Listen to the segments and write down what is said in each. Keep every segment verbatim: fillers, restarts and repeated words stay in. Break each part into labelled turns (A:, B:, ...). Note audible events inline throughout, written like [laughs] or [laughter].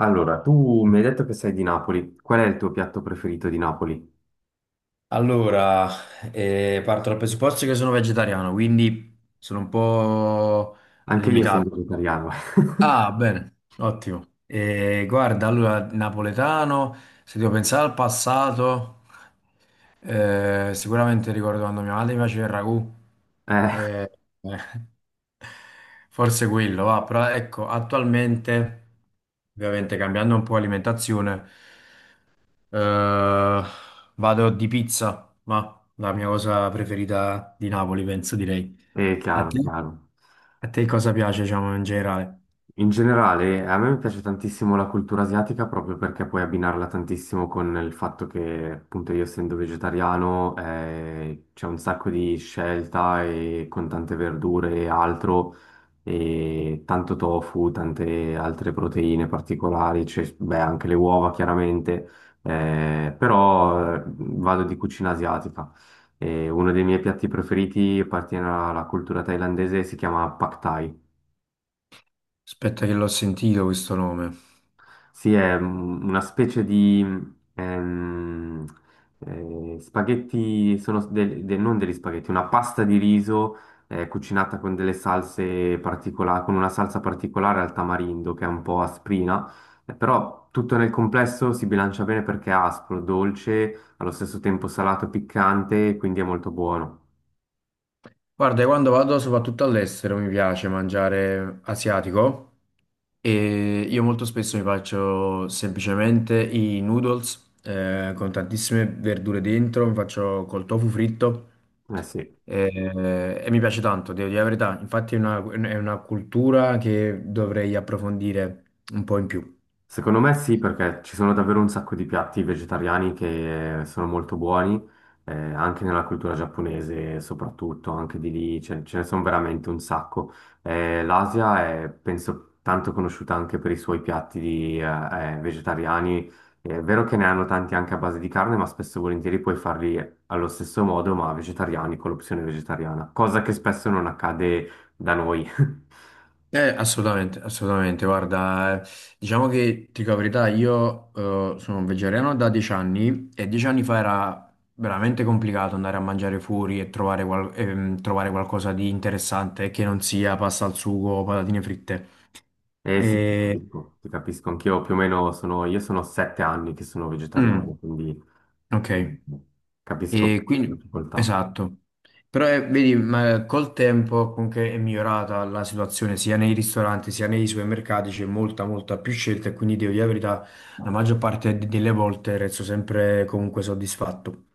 A: Allora, tu mi hai detto che sei di Napoli. Qual è il tuo piatto preferito di Napoli?
B: Allora, eh, parto dal presupposto che sono vegetariano, quindi sono un po'
A: Anche io sono
B: limitato.
A: vegetariano. [laughs]
B: Ah, bene, ottimo. Eh, guarda, allora, napoletano, se devo pensare al passato, eh, sicuramente ricordo quando mia madre mi faceva il ragù.
A: Eh,
B: Eh, eh, forse quello, va, però ecco, attualmente, ovviamente cambiando un po' alimentazione. Eh, vado di pizza, ma la mia cosa preferita di Napoli, penso direi.
A: è
B: A
A: chiaro,
B: te?
A: chiaro.
B: A te cosa piace, diciamo, in generale?
A: In generale, a me piace tantissimo la cultura asiatica proprio perché puoi abbinarla tantissimo con il fatto che, appunto, io essendo vegetariano, eh, c'è un sacco di scelta e con tante verdure e altro. E tanto tofu, tante altre proteine particolari, c'è- beh, anche le uova chiaramente, eh, però eh, vado di cucina asiatica. E uno dei miei piatti preferiti appartiene alla cultura thailandese, e si chiama Pad Thai.
B: Aspetta che l'ho sentito questo nome.
A: Sì, è un- una specie di ehm, eh, spaghetti, sono del- de- non degli spaghetti, una pasta di riso eh, cucinata con delle salse particolari, con una salsa particolare al tamarindo che è un po' asprina, eh, però tutto nel complesso si bilancia bene perché è aspro, dolce, allo stesso tempo salato e piccante, quindi è molto buono.
B: Guarda, io quando vado soprattutto all'estero mi piace mangiare asiatico e io molto spesso mi faccio semplicemente i noodles eh, con tantissime verdure dentro, mi faccio col tofu fritto
A: Eh sì.
B: eh, e mi piace tanto, devo dire la verità. Infatti è una, è una cultura che dovrei approfondire un po' in più.
A: Secondo me sì, perché ci sono davvero un sacco di piatti vegetariani che sono molto buoni, eh, anche nella cultura giapponese soprattutto, anche di lì ce, ce ne sono veramente un sacco. Eh, l'Asia è, penso, tanto conosciuta anche per i suoi piatti di, eh, eh, vegetariani. È vero che ne hanno tanti anche a base di carne, ma spesso e volentieri puoi farli allo stesso modo, ma vegetariani, con l'opzione vegetariana, cosa che spesso non accade da noi. [laughs]
B: Eh, assolutamente, assolutamente. Guarda, eh, diciamo che ti dico la verità, io eh, sono un vegetariano da dieci anni e dieci anni fa era veramente complicato andare a mangiare fuori e trovare, qual- ehm, trovare qualcosa di interessante che non sia pasta al sugo o patatine fritte.
A: Eh sì, ti
B: E...
A: capisco, ti capisco. Anch'io più o meno sono, io sono sette anni che sono
B: Mm,
A: vegetariano, quindi eh,
B: ok.
A: capisco
B: E
A: le
B: quindi,
A: difficoltà.
B: esatto. Però eh, vedi, ma col tempo comunque è migliorata la situazione sia nei ristoranti sia nei supermercati, c'è molta, molta più scelta e quindi devo dire la verità, la maggior parte de- delle volte resto sempre comunque soddisfatto.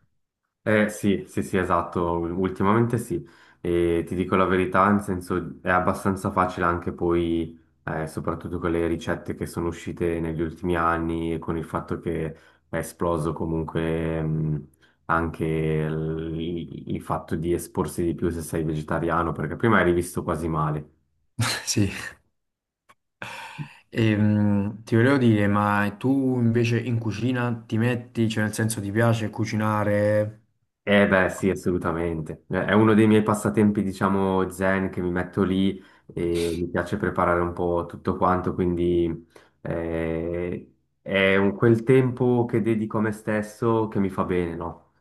A: Eh sì, sì, sì, esatto, ultimamente sì. E ti dico la verità, nel senso è abbastanza facile anche poi, eh, soprattutto con le ricette che sono uscite negli ultimi anni e con il fatto che è esploso comunque mh, anche il il fatto di esporsi di più se sei vegetariano, perché prima eri visto quasi male.
B: [laughs] Sì. Ehm, ti volevo dire, ma tu invece in cucina ti metti, cioè nel senso ti piace cucinare?
A: Eh beh, sì, assolutamente. Eh, È uno dei miei passatempi, diciamo, zen che mi metto lì e mi piace preparare un po' tutto quanto, quindi eh, è un- quel tempo che dedico a me stesso che mi fa bene, no?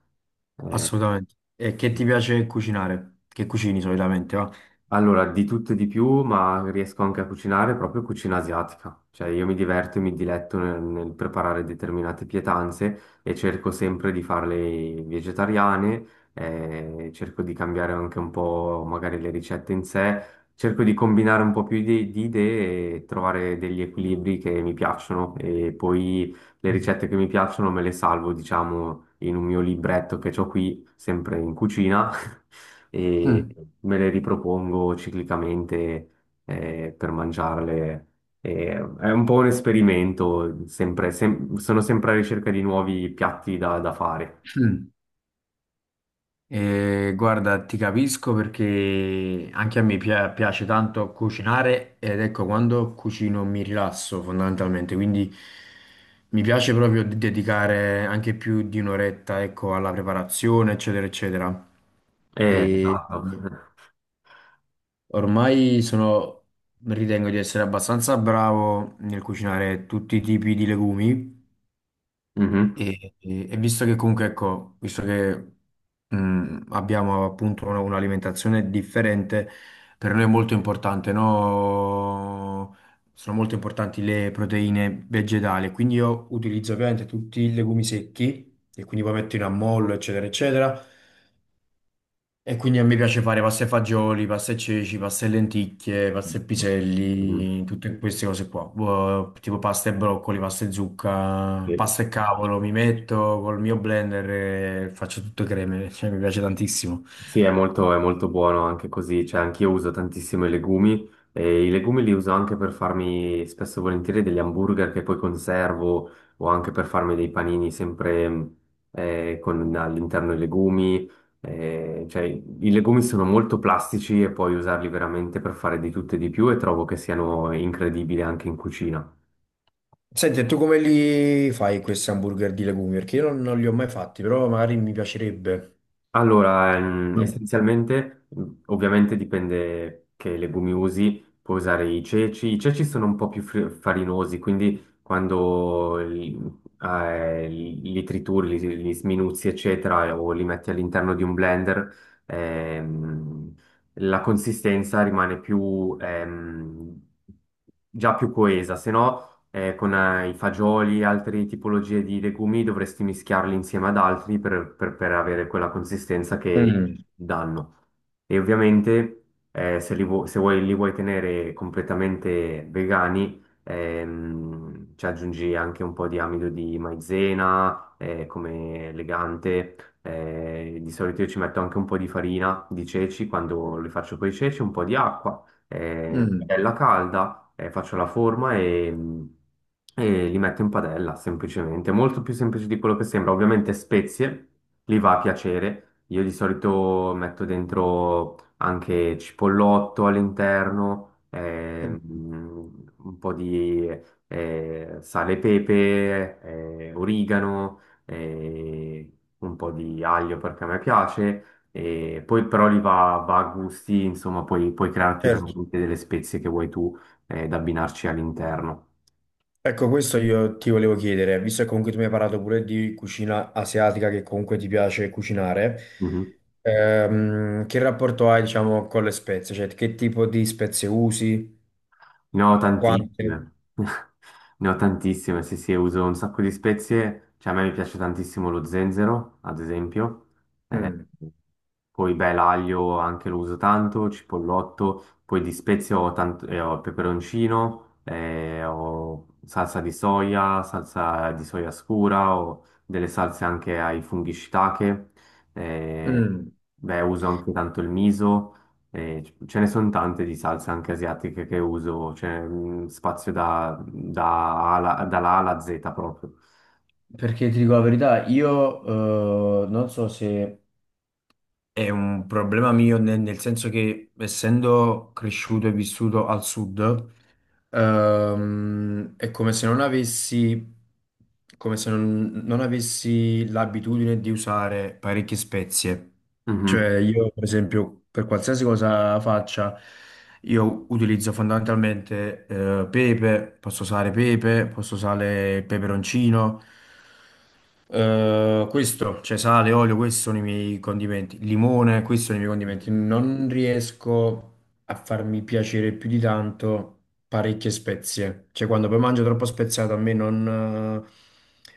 A: Eh,
B: Assolutamente. E che ti piace cucinare? Che cucini solitamente, va?
A: allora, di tutto e di più, ma riesco anche a cucinare proprio cucina asiatica. Cioè, io mi diverto e mi diletto nel, nel preparare determinate pietanze e cerco sempre di farle vegetariane, eh, cerco di cambiare anche un po' magari le ricette in sé, cerco di combinare un po' più di, di idee e trovare degli equilibri che mi piacciono e poi le ricette che mi piacciono me le salvo, diciamo, in un mio libretto che ho qui, sempre in cucina, [laughs] e
B: Mm.
A: me le ripropongo ciclicamente eh, per mangiarle. E è un po' un esperimento, sempre, sem- sono sempre alla ricerca di nuovi piatti da, da fare.
B: Mm. Eh, guarda, ti capisco perché anche a me pia- piace tanto cucinare ed ecco, quando cucino mi rilasso fondamentalmente, quindi mi piace proprio de- dedicare anche più di un'oretta, ecco, alla preparazione, eccetera, eccetera.
A: Eh,
B: E
A: esatto. [laughs]
B: ormai sono, ritengo di essere abbastanza bravo nel cucinare tutti i tipi di legumi,
A: Mhm.
B: e, e- e visto che comunque, ecco, visto che mh, abbiamo appunto una- un'alimentazione differente, per noi è molto importante, no? Sono molto importanti le proteine vegetali, quindi io utilizzo ovviamente tutti i legumi secchi, e quindi poi metto in ammollo, eccetera, eccetera. E quindi a me piace fare pasta e fagioli, pasta e ceci, pasta e lenticchie, pasta e
A: Mhm.
B: piselli, tutte queste cose qua. Boh, tipo pasta e broccoli, pasta e zucca,
A: Sì.
B: pasta e cavolo. Mi metto col mio blender e faccio tutte creme, [laughs] cioè mi piace tantissimo.
A: Sì, è molto, è molto buono anche così, cioè anch'io uso tantissimo i legumi e i legumi li uso anche per farmi spesso e volentieri degli hamburger che poi conservo o anche per farmi dei panini sempre mh, eh, con all'interno i legumi, eh, cioè i legumi sono molto plastici e puoi usarli veramente per fare di tutto e di più e trovo che siano incredibili anche in cucina.
B: Senti, e tu come li fai questi hamburger di legumi? Perché io non, non li ho mai fatti, però magari mi piacerebbe.
A: Allora, ehm,
B: Mm.
A: essenzialmente, mh, ovviamente dipende che legumi usi, puoi usare i ceci, i ceci sono un po' più fri- farinosi, quindi quando li, eh, li li trituri, li, li sminuzzi, eccetera, o li metti all'interno di un blender, ehm, la consistenza rimane più, ehm, già più coesa, se no eh, con eh, i fagioli e altre tipologie di legumi dovresti mischiarli insieme ad altri per, per- per avere quella consistenza che
B: Mm,
A: danno. E ovviamente eh, se, li vu- se vuoi, li vuoi tenere completamente vegani, ehm, ci aggiungi anche un po' di amido di maizena eh, come legante. Eh, di solito io ci metto anche un po' di farina di ceci quando li faccio con i ceci, un po' di acqua, eh,
B: mm,
A: padella calda eh, faccio la forma e, e li metto in padella, semplicemente. Molto più semplice di quello che sembra. Ovviamente spezie, li va a piacere. Io di solito metto dentro anche cipollotto all'interno, ehm,
B: mm,
A: un po' di eh, sale e pepe, eh, origano, eh, un po' di aglio perché a me piace. E poi però li va, va a gusti, insomma, puoi, puoi crearti
B: Certo.
A: veramente delle spezie che vuoi tu eh, da abbinarci all'interno.
B: Ecco, questo io ti volevo chiedere, visto che comunque tu mi hai parlato pure di cucina asiatica, che comunque ti piace cucinare,
A: Mhm.
B: ehm, che rapporto hai, diciamo, con le spezie? Cioè, che tipo di spezie usi?
A: Ne ho tantissime.
B: Quante?
A: [laughs] Ne ho tantissime, sì, sì, uso un sacco di spezie. Cioè, a me mi piace tantissimo lo zenzero, ad esempio. Eh,
B: Mm.
A: poi, beh, l'aglio anche lo uso tanto, cipollotto. Poi di spezie ho, tant- eh, ho il peperoncino, eh, ho salsa di soia, salsa di soia scura, ho delle salse anche ai funghi shiitake.
B: Mm.
A: Eh,
B: Mm.
A: beh, uso anche tanto il miso. E c- ce ne sono tante di salse anche asiatiche che uso, c'è mm, spazio da, da A alla- dalla A alla Z proprio.
B: Perché ti dico la verità, io eh, non so se è un problema mio nel, nel senso che essendo cresciuto e vissuto al sud, ehm, è come se non avessi, come se non, non avessi l'abitudine di usare parecchie spezie.
A: Mhm.
B: Cioè io, per esempio, per qualsiasi cosa faccia, io utilizzo fondamentalmente eh, pepe, posso usare pepe, posso usare il peperoncino, eh, questo, cioè sale, olio, questi sono i miei condimenti, limone, questi sono i miei condimenti. Non riesco a farmi piacere più di tanto parecchie spezie, cioè quando poi mangio troppo speziato a me non, eh,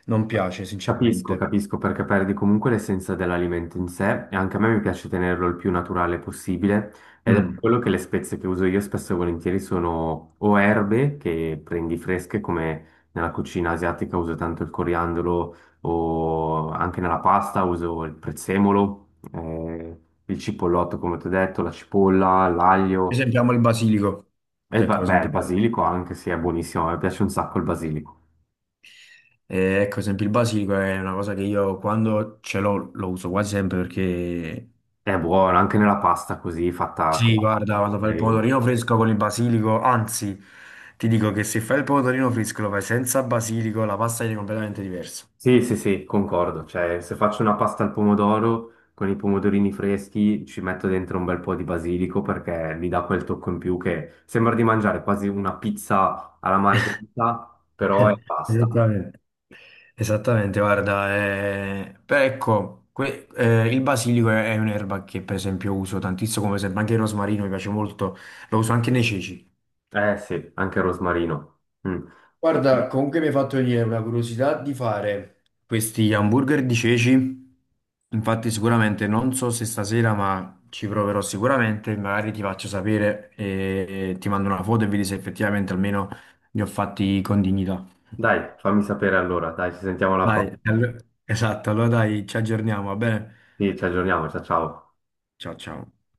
B: non piace
A: Capisco,
B: sinceramente.
A: capisco perché perdi comunque l'essenza dell'alimento in sé e anche a me mi piace tenerlo il più naturale possibile ed è per
B: Mm.
A: quello che le spezie che uso io spesso e volentieri sono o erbe che prendi fresche come nella cucina asiatica uso tanto il coriandolo o anche nella pasta uso il prezzemolo, eh, il cipollotto come ti ho detto, la cipolla,
B: Per
A: l'aglio
B: esempio amo il basilico,
A: e il
B: ecco
A: ba-
B: per
A: beh, il
B: esempio.
A: basilico anche se è buonissimo, a me piace un sacco il basilico.
B: Eh, ecco, ad esempio il basilico è una cosa che io quando ce l'ho lo uso quasi sempre perché
A: È buono, anche nella pasta così fatta con
B: sì,
A: la
B: guarda, quando fai il
A: pasta.
B: pomodorino fresco con il basilico, anzi, ti dico che se fai il pomodorino fresco lo fai senza basilico, la pasta viene completamente diversa.
A: Sì, sì, sì, concordo. Cioè, se faccio una pasta al pomodoro con i pomodorini freschi, ci metto dentro un bel po' di basilico perché mi dà quel tocco in più che sembra di mangiare quasi una pizza alla margherita,
B: [laughs]
A: però è
B: Eh,
A: pasta.
B: esattamente. Esattamente, guarda, eh, però ecco, que- eh, il basilico è, è un'erba che per esempio uso tantissimo, come esempio anche il rosmarino mi piace molto, lo uso anche nei ceci.
A: Eh sì, anche il rosmarino. Mm.
B: Guarda, comunque mi hai fatto venire una curiosità di fare questi hamburger di ceci. Infatti, sicuramente non so se stasera, ma ci proverò sicuramente. Magari ti faccio sapere e ti mando una foto e vedi se effettivamente almeno li ho fatti con dignità.
A: Dai, fammi sapere allora. Dai, ci sentiamo alla
B: Dai,
A: prossima.
B: allo- esatto, allora dai, ci aggiorniamo, va bene?
A: Sì, ci aggiorniamo. Ciao, ciao.
B: Ciao ciao.